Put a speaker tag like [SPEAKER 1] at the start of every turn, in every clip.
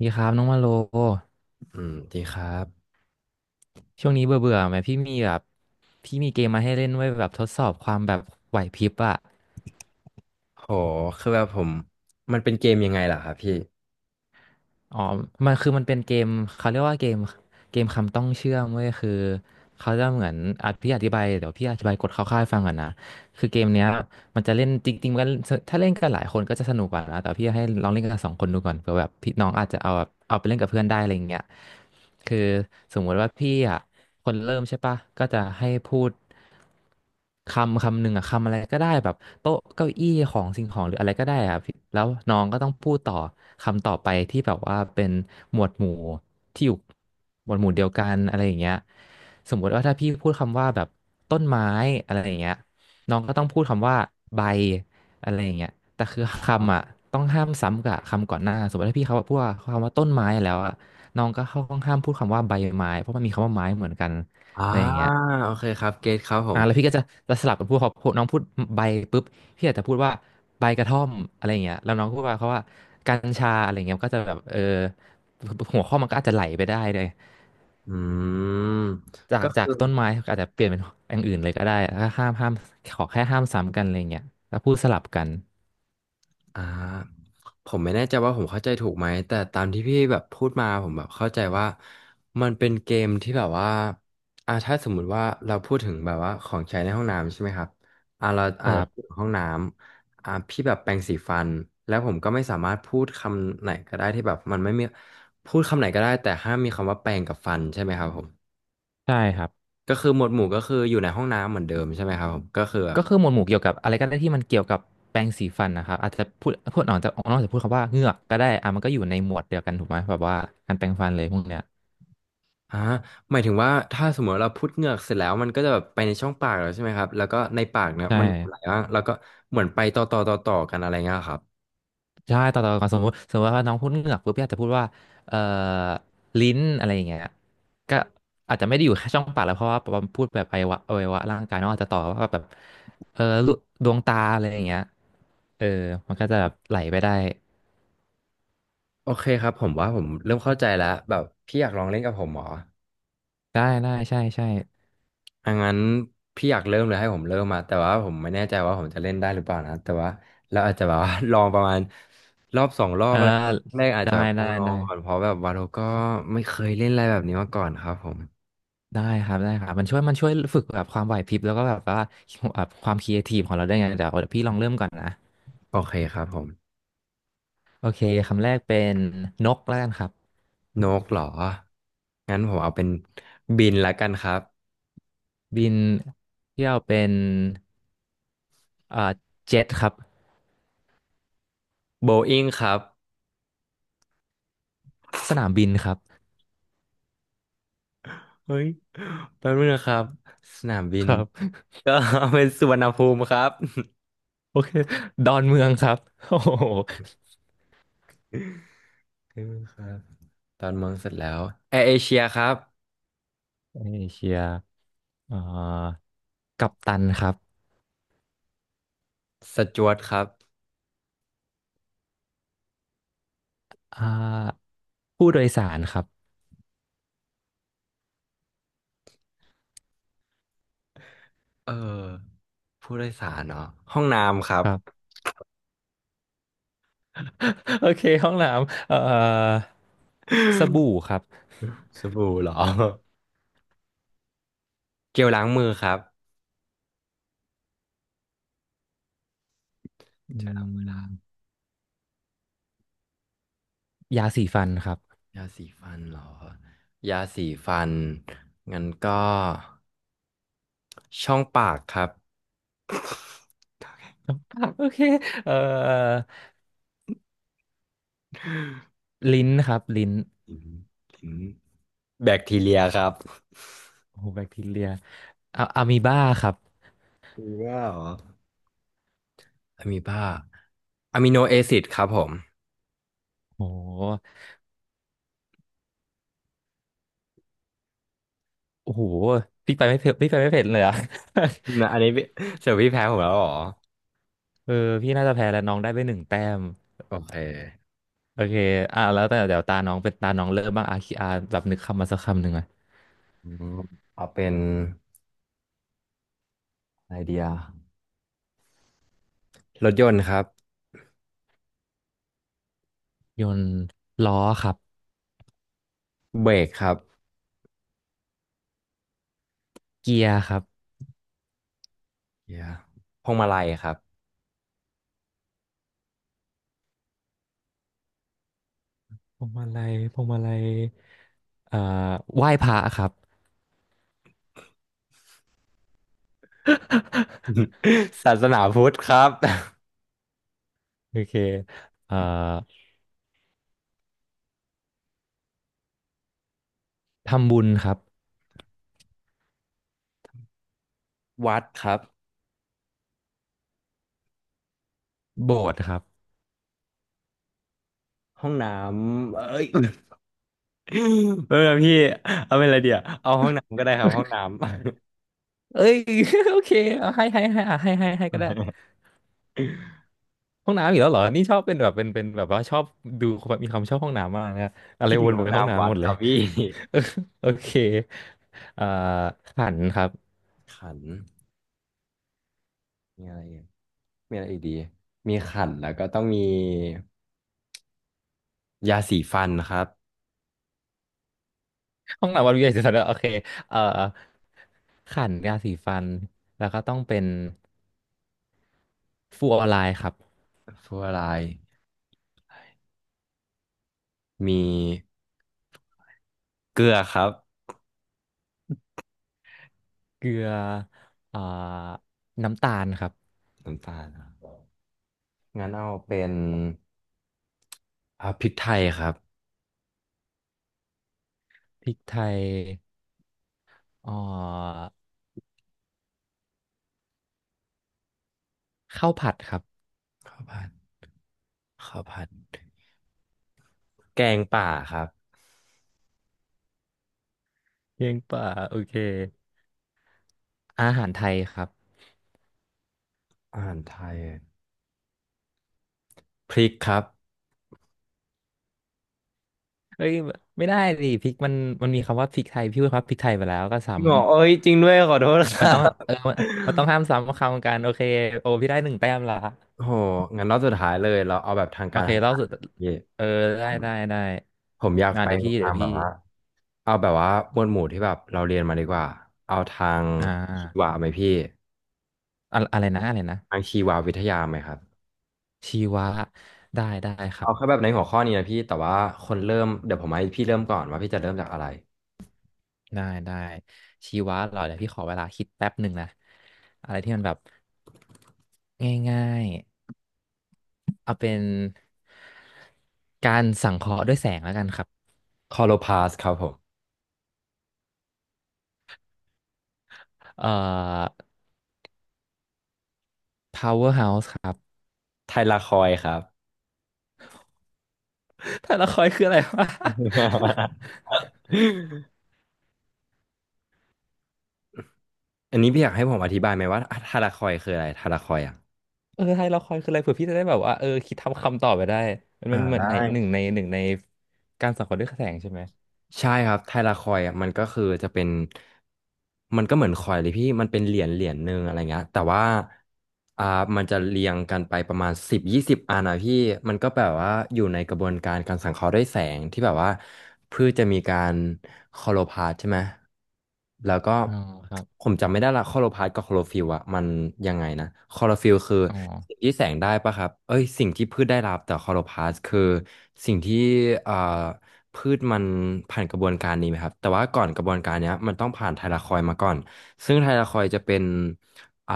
[SPEAKER 1] ดีครับน้องมาโล
[SPEAKER 2] อืมดีครับ
[SPEAKER 1] ช่วงนี้เบื่อเบื่อไหมพี่มีแบบพี่มีเกมมาให้เล่นไว้แบบทดสอบความแบบไหวพริบอะ
[SPEAKER 2] โหคือแบบผมมันเป็นเกมยังไงล่ะครับพี่
[SPEAKER 1] อ๋อมันเป็นเกมเขาเรียกว่าเกมคำต้องเชื่อมเว้ยคือเขาจะเหมือนอ่ะพี่อธิบายเดี๋ยวพี่อธิบายกฎคร่าวๆให้ฟังก่อนนะคือเกมเนี้ยมันจะเล่นจริงๆมันถ้าเล่นกันหลายคนก็จะสนุกกว่านะแต่พี่ให้ลองเล่นกันสองคนดูก่อนเผื่อแบบพี่น้องอาจจะเอาแบบเอาไปเล่นกับเพื่อนได้อะไรอย่างเงี้ยคือสมมติว่าพี่อะ คนเริ่มใช่ปะก็จะให้พูดคำหนึ่งอะคำอะไรก็ได้แบบโต๊ะเก้าอี้ของสิ่งของหรืออะไรก็ได้อะพี่แล้วน้องก็ต้องพูดต่อคำต่อไปที่แบบว่าเป็นหมวดหมู่ที่อยู่หมวดหมู่เดียวกันอะไรอย่างเงี้ยสมมติว่าถ้าพี่พูดคำว่าแบบต้นไม้อะไรอย่างเงี้ยน้องก็ต้องพูดคำว่าใบอะไรอย่างเงี้ยแต่คือคำอ่ะต้องห้ามซ้ำกับคำก่อนหน้าสมมติถ้าพี่เขาพูดว่าคำว่าต้นไม้แล้วอ่ะ น้องก็เข้าห้องห้ามพูดคำว่าใบไม้เพราะมันมีคำว่าไม้เหมือนกัน
[SPEAKER 2] อ่า
[SPEAKER 1] อะไรอย่างเงี้ย
[SPEAKER 2] โอเคครับเกตครับผ
[SPEAKER 1] อ่า
[SPEAKER 2] ม
[SPEAKER 1] แล้วพี่ก็จะสลับกันพูดเขาพูดน้องพูดใบปุ๊บพี่อาจจะพูดว่าใบกระท่อมอะไรอย่างเงี้ยแล้วน้องก็พูดว่าเขาว่ากัญชาอะไรเงี้ยมันก็จะแบบเออหัวข้อมันก็อาจจะไหลไปได้เลย
[SPEAKER 2] อืม
[SPEAKER 1] จา
[SPEAKER 2] ก็
[SPEAKER 1] กจา
[SPEAKER 2] คื
[SPEAKER 1] ก
[SPEAKER 2] อ
[SPEAKER 1] ต้นไม้ก็อาจจะเปลี่ยนเป็นอย่างอื่นเลยก็ได้ห้ามขอแค่ห้ามซ้ำกันอะไรเงี้ยแล้วพูดสลับกัน
[SPEAKER 2] อ่าผมไม่แน่ใจว่าผมเข้าใจถูกไหมแต่ตามที่พี่แบบพูดมาผมแบบเข้าใจว่ามันเป็นเกมที่แบบว่าถ้าสมมุติว่าเราพูดถึงแบบว่าของใช้ในห้องน้ำใช่ไหมครับเรา
[SPEAKER 1] ค
[SPEAKER 2] อาจ
[SPEAKER 1] รั
[SPEAKER 2] จะพูด
[SPEAKER 1] บ
[SPEAKER 2] ถึงห้องน้ำพี่แบบแปรงสีฟันแล้วผมก็ไม่สามารถพูดคำไหนก็ได้ที่แบบมันไม่มีพูดคำไหนก็ได้แต่ห้ามมีคำว่าแปรงกับฟันใช่ไหมครับผม
[SPEAKER 1] ใช่ครับ
[SPEAKER 2] ก็คือหมวดหมู่ก็คืออยู่ในห้องน้ำเหมือนเดิมใช่ไหมครับผมก็คือแบบ
[SPEAKER 1] ก็คือหมวดหมู่เกี่ยวกับอะไรก็ได้ที่มันเกี่ยวกับแปรงสีฟันนะครับอาจจะพูดออกจากนอกจากพูดคำว่าเหงือกก็ได้อ่ะมันก็อยู่ในหมวดเดียวกันถูกไหมแบบว่าการแปรงฟันเลยพวกเนี้ย
[SPEAKER 2] อ่าหมายถึงว่าถ้าสมมติเราพุดเหงือกเสร็จแล้วมันก็จะแบบไปในช่องปากแล้วใช่ไหมครับแล้วก็ในปากเนี่ย
[SPEAKER 1] ใช่
[SPEAKER 2] มันไหลบ้างแล้วก็เหมือนไปต่อต่อต่อต่อกันอะไรเงี้ยครับ
[SPEAKER 1] ใช่ต่อกันสมมติว่าน้องพูดเหงือกปุ๊บพี่อาจจะพูดว่าเอ่อลิ้นอะไรอย่างเงี้ยก็อาจจะไม่ได้อยู่แค่ช่องปากแล้วเพราะว่าพูดแบบอวัยวะร่างกายเนองอาจจะต่อว่าแบบเออลูดวงตาอะไรอย่างเงี้ยเออมันก็จะแบบไหลไปได้
[SPEAKER 2] โอเคครับผมว่าผมเริ่มเข้าใจแล้วแบบพี่อยากลองเล่นกับผมเหรอ
[SPEAKER 1] ได้ได้ใช่ใช่
[SPEAKER 2] อ่ะงั้นพี่อยากเริ่มเลยให้ผมเริ่มมาแต่ว่าผมไม่แน่ใจว่าผมจะเล่นได้หรือเปล่านะแต่ว่าเราอาจจะแบบว่า ลองประมาณรอบสองรอบ
[SPEAKER 1] เออ
[SPEAKER 2] อะไรแรกอาจ
[SPEAKER 1] ได้
[SPEAKER 2] จะแบบลอ
[SPEAKER 1] ได้
[SPEAKER 2] งลอ
[SPEAKER 1] ได้
[SPEAKER 2] งก่อนเพราะแบบว่าเราก็ไม่เคยเล่นอะไรแบบนี้มาก่อนครับผม
[SPEAKER 1] ได้ครับได้ครับมันช่วยฝึกแบบความไหวพริบแล้วก็แบบว่าแบบความครีเอทีฟของเราได้วยไงเดี๋ยวพี่ลองเริ่มก่อนนะ
[SPEAKER 2] โอเคครับผม
[SPEAKER 1] โอเคคำแรกเป็นนกแล้วกันครับ
[SPEAKER 2] นกเหรองั้นผมเอาเป็นบินละกันครับ
[SPEAKER 1] บินเที่ยวเป็นเอ่อเจ็ตครับ
[SPEAKER 2] โบอิ้งครับ
[SPEAKER 1] สนามบินครับ
[SPEAKER 2] เฮ้ยแป๊บนึงนะครับสนามบิ
[SPEAKER 1] ค
[SPEAKER 2] น
[SPEAKER 1] รับ
[SPEAKER 2] ก็เอาเป็นสุวรรณภูมิครับ
[SPEAKER 1] โอเคดอนเมืองครับ โอ้โห
[SPEAKER 2] เออครับตอนเมืองเสร็จแล้วแอร์เอเชียครับ
[SPEAKER 1] เอเชียเอ่อกัปตันครับ
[SPEAKER 2] สจ๊วตครับ
[SPEAKER 1] อ่าผู้โดยสารครับ
[SPEAKER 2] เออผู้โดยสารเนาะห้องน้ำครับ
[SPEAKER 1] ครับ โอเคห้องน้ำสบู่ครับ
[SPEAKER 2] สบู่เหรอ เจลล้างมือครับ
[SPEAKER 1] อื
[SPEAKER 2] เจลล้างมือละ
[SPEAKER 1] มยาสีฟันครับ
[SPEAKER 2] ยาสีฟันเหรอยาสีฟันงั้นก็ช่องปากครับ
[SPEAKER 1] โอเคเอ่อลิ้นครับลิ้น
[SPEAKER 2] อืมอืมแบคทีเรียครับ
[SPEAKER 1] โอ้โหแบคทีเรียอะอะมีบ้าครับ
[SPEAKER 2] มีบ้าเหรออะมีบ้าอะมิโนแอซิดครับผม
[SPEAKER 1] โอ้โหโอ้โหพี่ไปไม่เผ็ดเลยอะ
[SPEAKER 2] นะ อันนี้พี่เจอพี่แพ้ผมแล้วเหรอ
[SPEAKER 1] เออพี่น่าจะแพ้แล้วน้องได้ไปหนึ่งแต้ม
[SPEAKER 2] โอเค
[SPEAKER 1] โอเคอ่ะแล้วแต่เดี๋ยวตาน้องเป็นตาน้องเริ่มบ้างอาคีอาแบบนึกคำมาสักคำหนึ่งอะ
[SPEAKER 2] อืมเอาเป็นไอเดีย รถยนต์ครับ
[SPEAKER 1] ยนต์ล้อครับ
[SPEAKER 2] เบรกครับ
[SPEAKER 1] เกียร์ครับ
[SPEAKER 2] เดียพวงมาลัยครับ
[SPEAKER 1] พวงมาลัยเอ่อไหว้พระครับ
[SPEAKER 2] ศาสนาพุทธครับ
[SPEAKER 1] โอเคเอ่อทำบุญครับ
[SPEAKER 2] วัดครับ
[SPEAKER 1] โบสถ์ครับ
[SPEAKER 2] ห้องน้ำเอ้ย เออพี่เอาเป็นอะไรเดียวเอาห้องน้ำก็ได้ครับห้องน้ำ
[SPEAKER 1] เอ้ย โอเคเอาให้อ่ะให้ก็ได้ห้องน้ำอีกแล้วเหรอนี่ชอบเป็นแบบเป็นแบบว่าชอบดูแบบมีความชอบห้องน้ำมากนะอะ ไร
[SPEAKER 2] คิด
[SPEAKER 1] ว
[SPEAKER 2] ถึง
[SPEAKER 1] น
[SPEAKER 2] ห้อง
[SPEAKER 1] ไปห้อง
[SPEAKER 2] น้ำวั
[SPEAKER 1] น้ำห
[SPEAKER 2] ด
[SPEAKER 1] มด
[SPEAKER 2] ค
[SPEAKER 1] เล
[SPEAKER 2] รั
[SPEAKER 1] ย
[SPEAKER 2] บพี่
[SPEAKER 1] เออโอเคอ่าขันครับ
[SPEAKER 2] ขัน มีอะไรอีกมีอะไรอีกดีมีขันแล้วก็ต้องมียาสีฟันครับ
[SPEAKER 1] ห้องน้ำวันวิทยาศาสตร์โอเคเอ่อขันยาสีฟันแล้วก็ต้องเป็นฟูออไลน์ครับ
[SPEAKER 2] ฟลูออไรด์มีเกลือครับ
[SPEAKER 1] เกลืออ่าน้ำตาลครับ
[SPEAKER 2] น้ำตาลครับงั้นเอาเป็นพริกไทยครับ
[SPEAKER 1] พริกไทยอ่าข้าวผัดครับ
[SPEAKER 2] ข้าวผัดข้าวผัด แกงป่าครับ
[SPEAKER 1] เพียงป่าโอเคอาหารไทยครับ
[SPEAKER 2] อาหารไทยพริกครับ
[SPEAKER 1] เฮ้ยไม่ได้ดิพริกมันมันมีคำว่าพริกไทยพี่พูดครับพริกไทยไปแล้วก็ซ้
[SPEAKER 2] พี่หมอเอ้ยจริงด้วยขอโทษค
[SPEAKER 1] ำมั
[SPEAKER 2] รั
[SPEAKER 1] นต้อง
[SPEAKER 2] บ
[SPEAKER 1] เออมันต้องห้ามซ้ำคำกันโอเคโอพี่ได้หนึ่งแต้มละ
[SPEAKER 2] โอ้โหงั้นรอบสุดท้ายเลยเราเอาแบบทาง
[SPEAKER 1] โอ
[SPEAKER 2] การ
[SPEAKER 1] เค
[SPEAKER 2] ทาง
[SPEAKER 1] เล่า
[SPEAKER 2] การ
[SPEAKER 1] สุด
[SPEAKER 2] เย่
[SPEAKER 1] เออได้ได้ได้
[SPEAKER 2] ผมอยาก
[SPEAKER 1] อ่า
[SPEAKER 2] ไป
[SPEAKER 1] เดี๋ยว
[SPEAKER 2] ใน
[SPEAKER 1] พี่
[SPEAKER 2] ทา
[SPEAKER 1] เดี๋ย
[SPEAKER 2] ง
[SPEAKER 1] ว
[SPEAKER 2] แบ
[SPEAKER 1] พี่
[SPEAKER 2] บว่า เอาแบบว่าหมวดหมู่ที่แบบเราเรียนมาดีกว่า เอาทาง
[SPEAKER 1] อ่
[SPEAKER 2] ชีวะ
[SPEAKER 1] า
[SPEAKER 2] ไหมพี่
[SPEAKER 1] อะไรนะ
[SPEAKER 2] ทางชีววิทยาไหมครับ
[SPEAKER 1] ชีวะได้ได้ครั
[SPEAKER 2] เอาแค่
[SPEAKER 1] บ
[SPEAKER 2] แบบในหัวข้อนี้นะพี่แต่ว่าคนเริ่มเดี๋ยวผมให้พี่เริ่มก่อนว่าพี่จะเริ่มจากอะไร
[SPEAKER 1] ได้ได้ชีวะเหรอเดี๋ยวพี่ขอเวลาคิดแป๊บหนึ่งนะอะไรที่มันแบบง่ายๆเอาเป็นการสังเคราะห์ด้วยแสงแล้วกันครับ
[SPEAKER 2] คอโลพาสครับผม
[SPEAKER 1] เอ่อ Power House ครับ
[SPEAKER 2] ไทลาคอยครับ
[SPEAKER 1] ไทยละครคืออะไรวะ
[SPEAKER 2] อันนี้พี่อยากให้ผมอธิบายไหมว่าไทาราคอยคืออะไรไทาราคอยอ่ะ
[SPEAKER 1] เออไทยละครคืออะไรเผื่อพี่จะได้แบบว่าเออคิดทำคำตอบไปได้
[SPEAKER 2] อ่า
[SPEAKER 1] มันมันเหมือน
[SPEAKER 2] ได้
[SPEAKER 1] ในหนึ่งในการสังเคราะห์ด้วยแสงใช่ไหม
[SPEAKER 2] ใช่ครับไทลาคอยอ่ะมันก็คือจะเป็นมันก็เหมือนคอยเลยพี่มันเป็นเหรียญเหรียญหนึ่งอะไรเงี้ยแต่ว่าอ่ามันจะเรียงกันไปประมาณสิบ20อันนะพี่มันก็แบบว่าอยู่ในกระบวนการการสังเคราะห์ด้วยแสงที่แบบว่าพืชจะมีการคลอโรพลาสต์ใช่ไหมแล้วก็
[SPEAKER 1] อ๋อครับ
[SPEAKER 2] ผมจำไม่ได้ละคลอโรพลาสต์กับคลอโรฟิลล์อ่ะมันยังไงนะคลอโรฟิลล์คือ
[SPEAKER 1] อ๋อ
[SPEAKER 2] สิ่งที่แสงได้ปะครับเอ้ยสิ่งที่พืชได้รับแต่คลอโรพลาสต์คือสิ่งที่อ่า พืชมันผ่านกระบวนการนี้ไหมครับแต่ว่าก่อนกระบวนการเนี้ยมันต้องผ่านไทลาคอยด์มาก่อนซึ่งไทลาคอยด์จะเป็นอ่า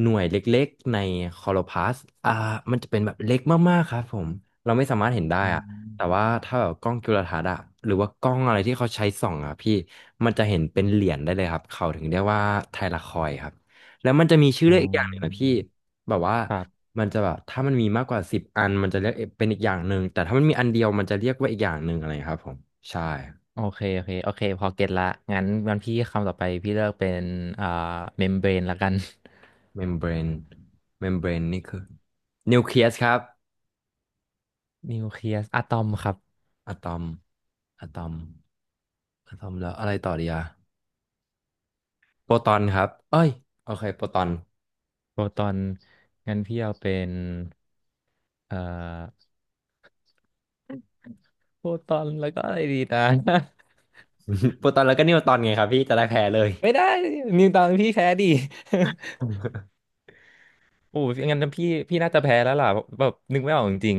[SPEAKER 2] หน่วยเล็กๆในคลอโรพลาสต์อ่ามันจะเป็นแบบเล็กมากๆครับผมเราไม่สามารถเห็นได้
[SPEAKER 1] อื
[SPEAKER 2] อะแต่
[SPEAKER 1] ม
[SPEAKER 2] ว่าถ้าแบบกล้องจุลทรรศน์อะหรือว่ากล้องอะไรที่เขาใช้ส่องอะพี่มันจะเห็นเป็นเหรียญได้เลยครับเขาถึงเรียกว่าไทลาคอยด์ครับแล้วมันจะมีชื่อ
[SPEAKER 1] อ๋อ
[SPEAKER 2] เรียกอีกอย่างหนึ่งนะพี่ แบบว่า
[SPEAKER 1] ครับ
[SPEAKER 2] มันจะแบบถ้ามันมีมากกว่าสิบอันมันจะเรียกเป็นอีกอย่างหนึ่งแต่ถ้ามันมีอันเดียวมันจะเรียกว่าอีกอย่างหนึ่งอะไรครับผมใช่
[SPEAKER 1] โอเคพอเก็ตละงั้นพี่คำต่อไปพี่เลือกเป็นอ่าเมมเบรนละกัน
[SPEAKER 2] เมมเบรนเมมเบรนนี่คือนิวเคลียสครับ
[SPEAKER 1] นิวเคลียสอะตอมครับ
[SPEAKER 2] อะตอมอะตอมอะตอมแล้วอะไรต่อดีอะโปรตอนครับเอ้ยโอเคโปรตอน
[SPEAKER 1] โปรตอนงั้นพี่เอาเป็นเอ่อโปรตอนแล้วก็อะไรดีนะ
[SPEAKER 2] โปรตอนแล้วก็นิวตอนไงครับพี่จะได้แพ้เลย
[SPEAKER 1] ไม่ได้นิวตอนพี่แพ้ดิ โอ้ยงั้นพี่น่าจะแพ้แล้วล่ะแบบนึกไม่ออกจริง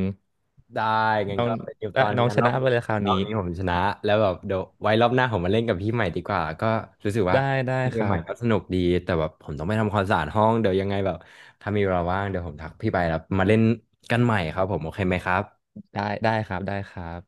[SPEAKER 2] ได้
[SPEAKER 1] ๆ
[SPEAKER 2] งั้น
[SPEAKER 1] น้อง
[SPEAKER 2] ก็เป็นนิวตอน
[SPEAKER 1] น้อง
[SPEAKER 2] งั้น
[SPEAKER 1] ช
[SPEAKER 2] รอ
[SPEAKER 1] นะ
[SPEAKER 2] บ
[SPEAKER 1] ไป
[SPEAKER 2] นี้
[SPEAKER 1] เลยคราว
[SPEAKER 2] รอ
[SPEAKER 1] นี้
[SPEAKER 2] บนี้ผมชนะแล้วแบบเดี๋ยวไว้รอบหน้าผมมาเล่นกับพี่ใหม่ดีกว่าก็รู้สึกว่า
[SPEAKER 1] ได้ได้
[SPEAKER 2] เก
[SPEAKER 1] ค
[SPEAKER 2] ม
[SPEAKER 1] รั
[SPEAKER 2] ใหม่
[SPEAKER 1] บ
[SPEAKER 2] ก็สนุกดีแต่แบบผมต้องไปทำความสะอาดห้องเดี๋ยวยังไงแบบถ้ามีเวลาว่างเดี๋ยวผมทักพี่ไปแล้วมาเล่นกันใหม่ครับผมโอเคไหมครับ
[SPEAKER 1] ได้ได้ครับได้ครับ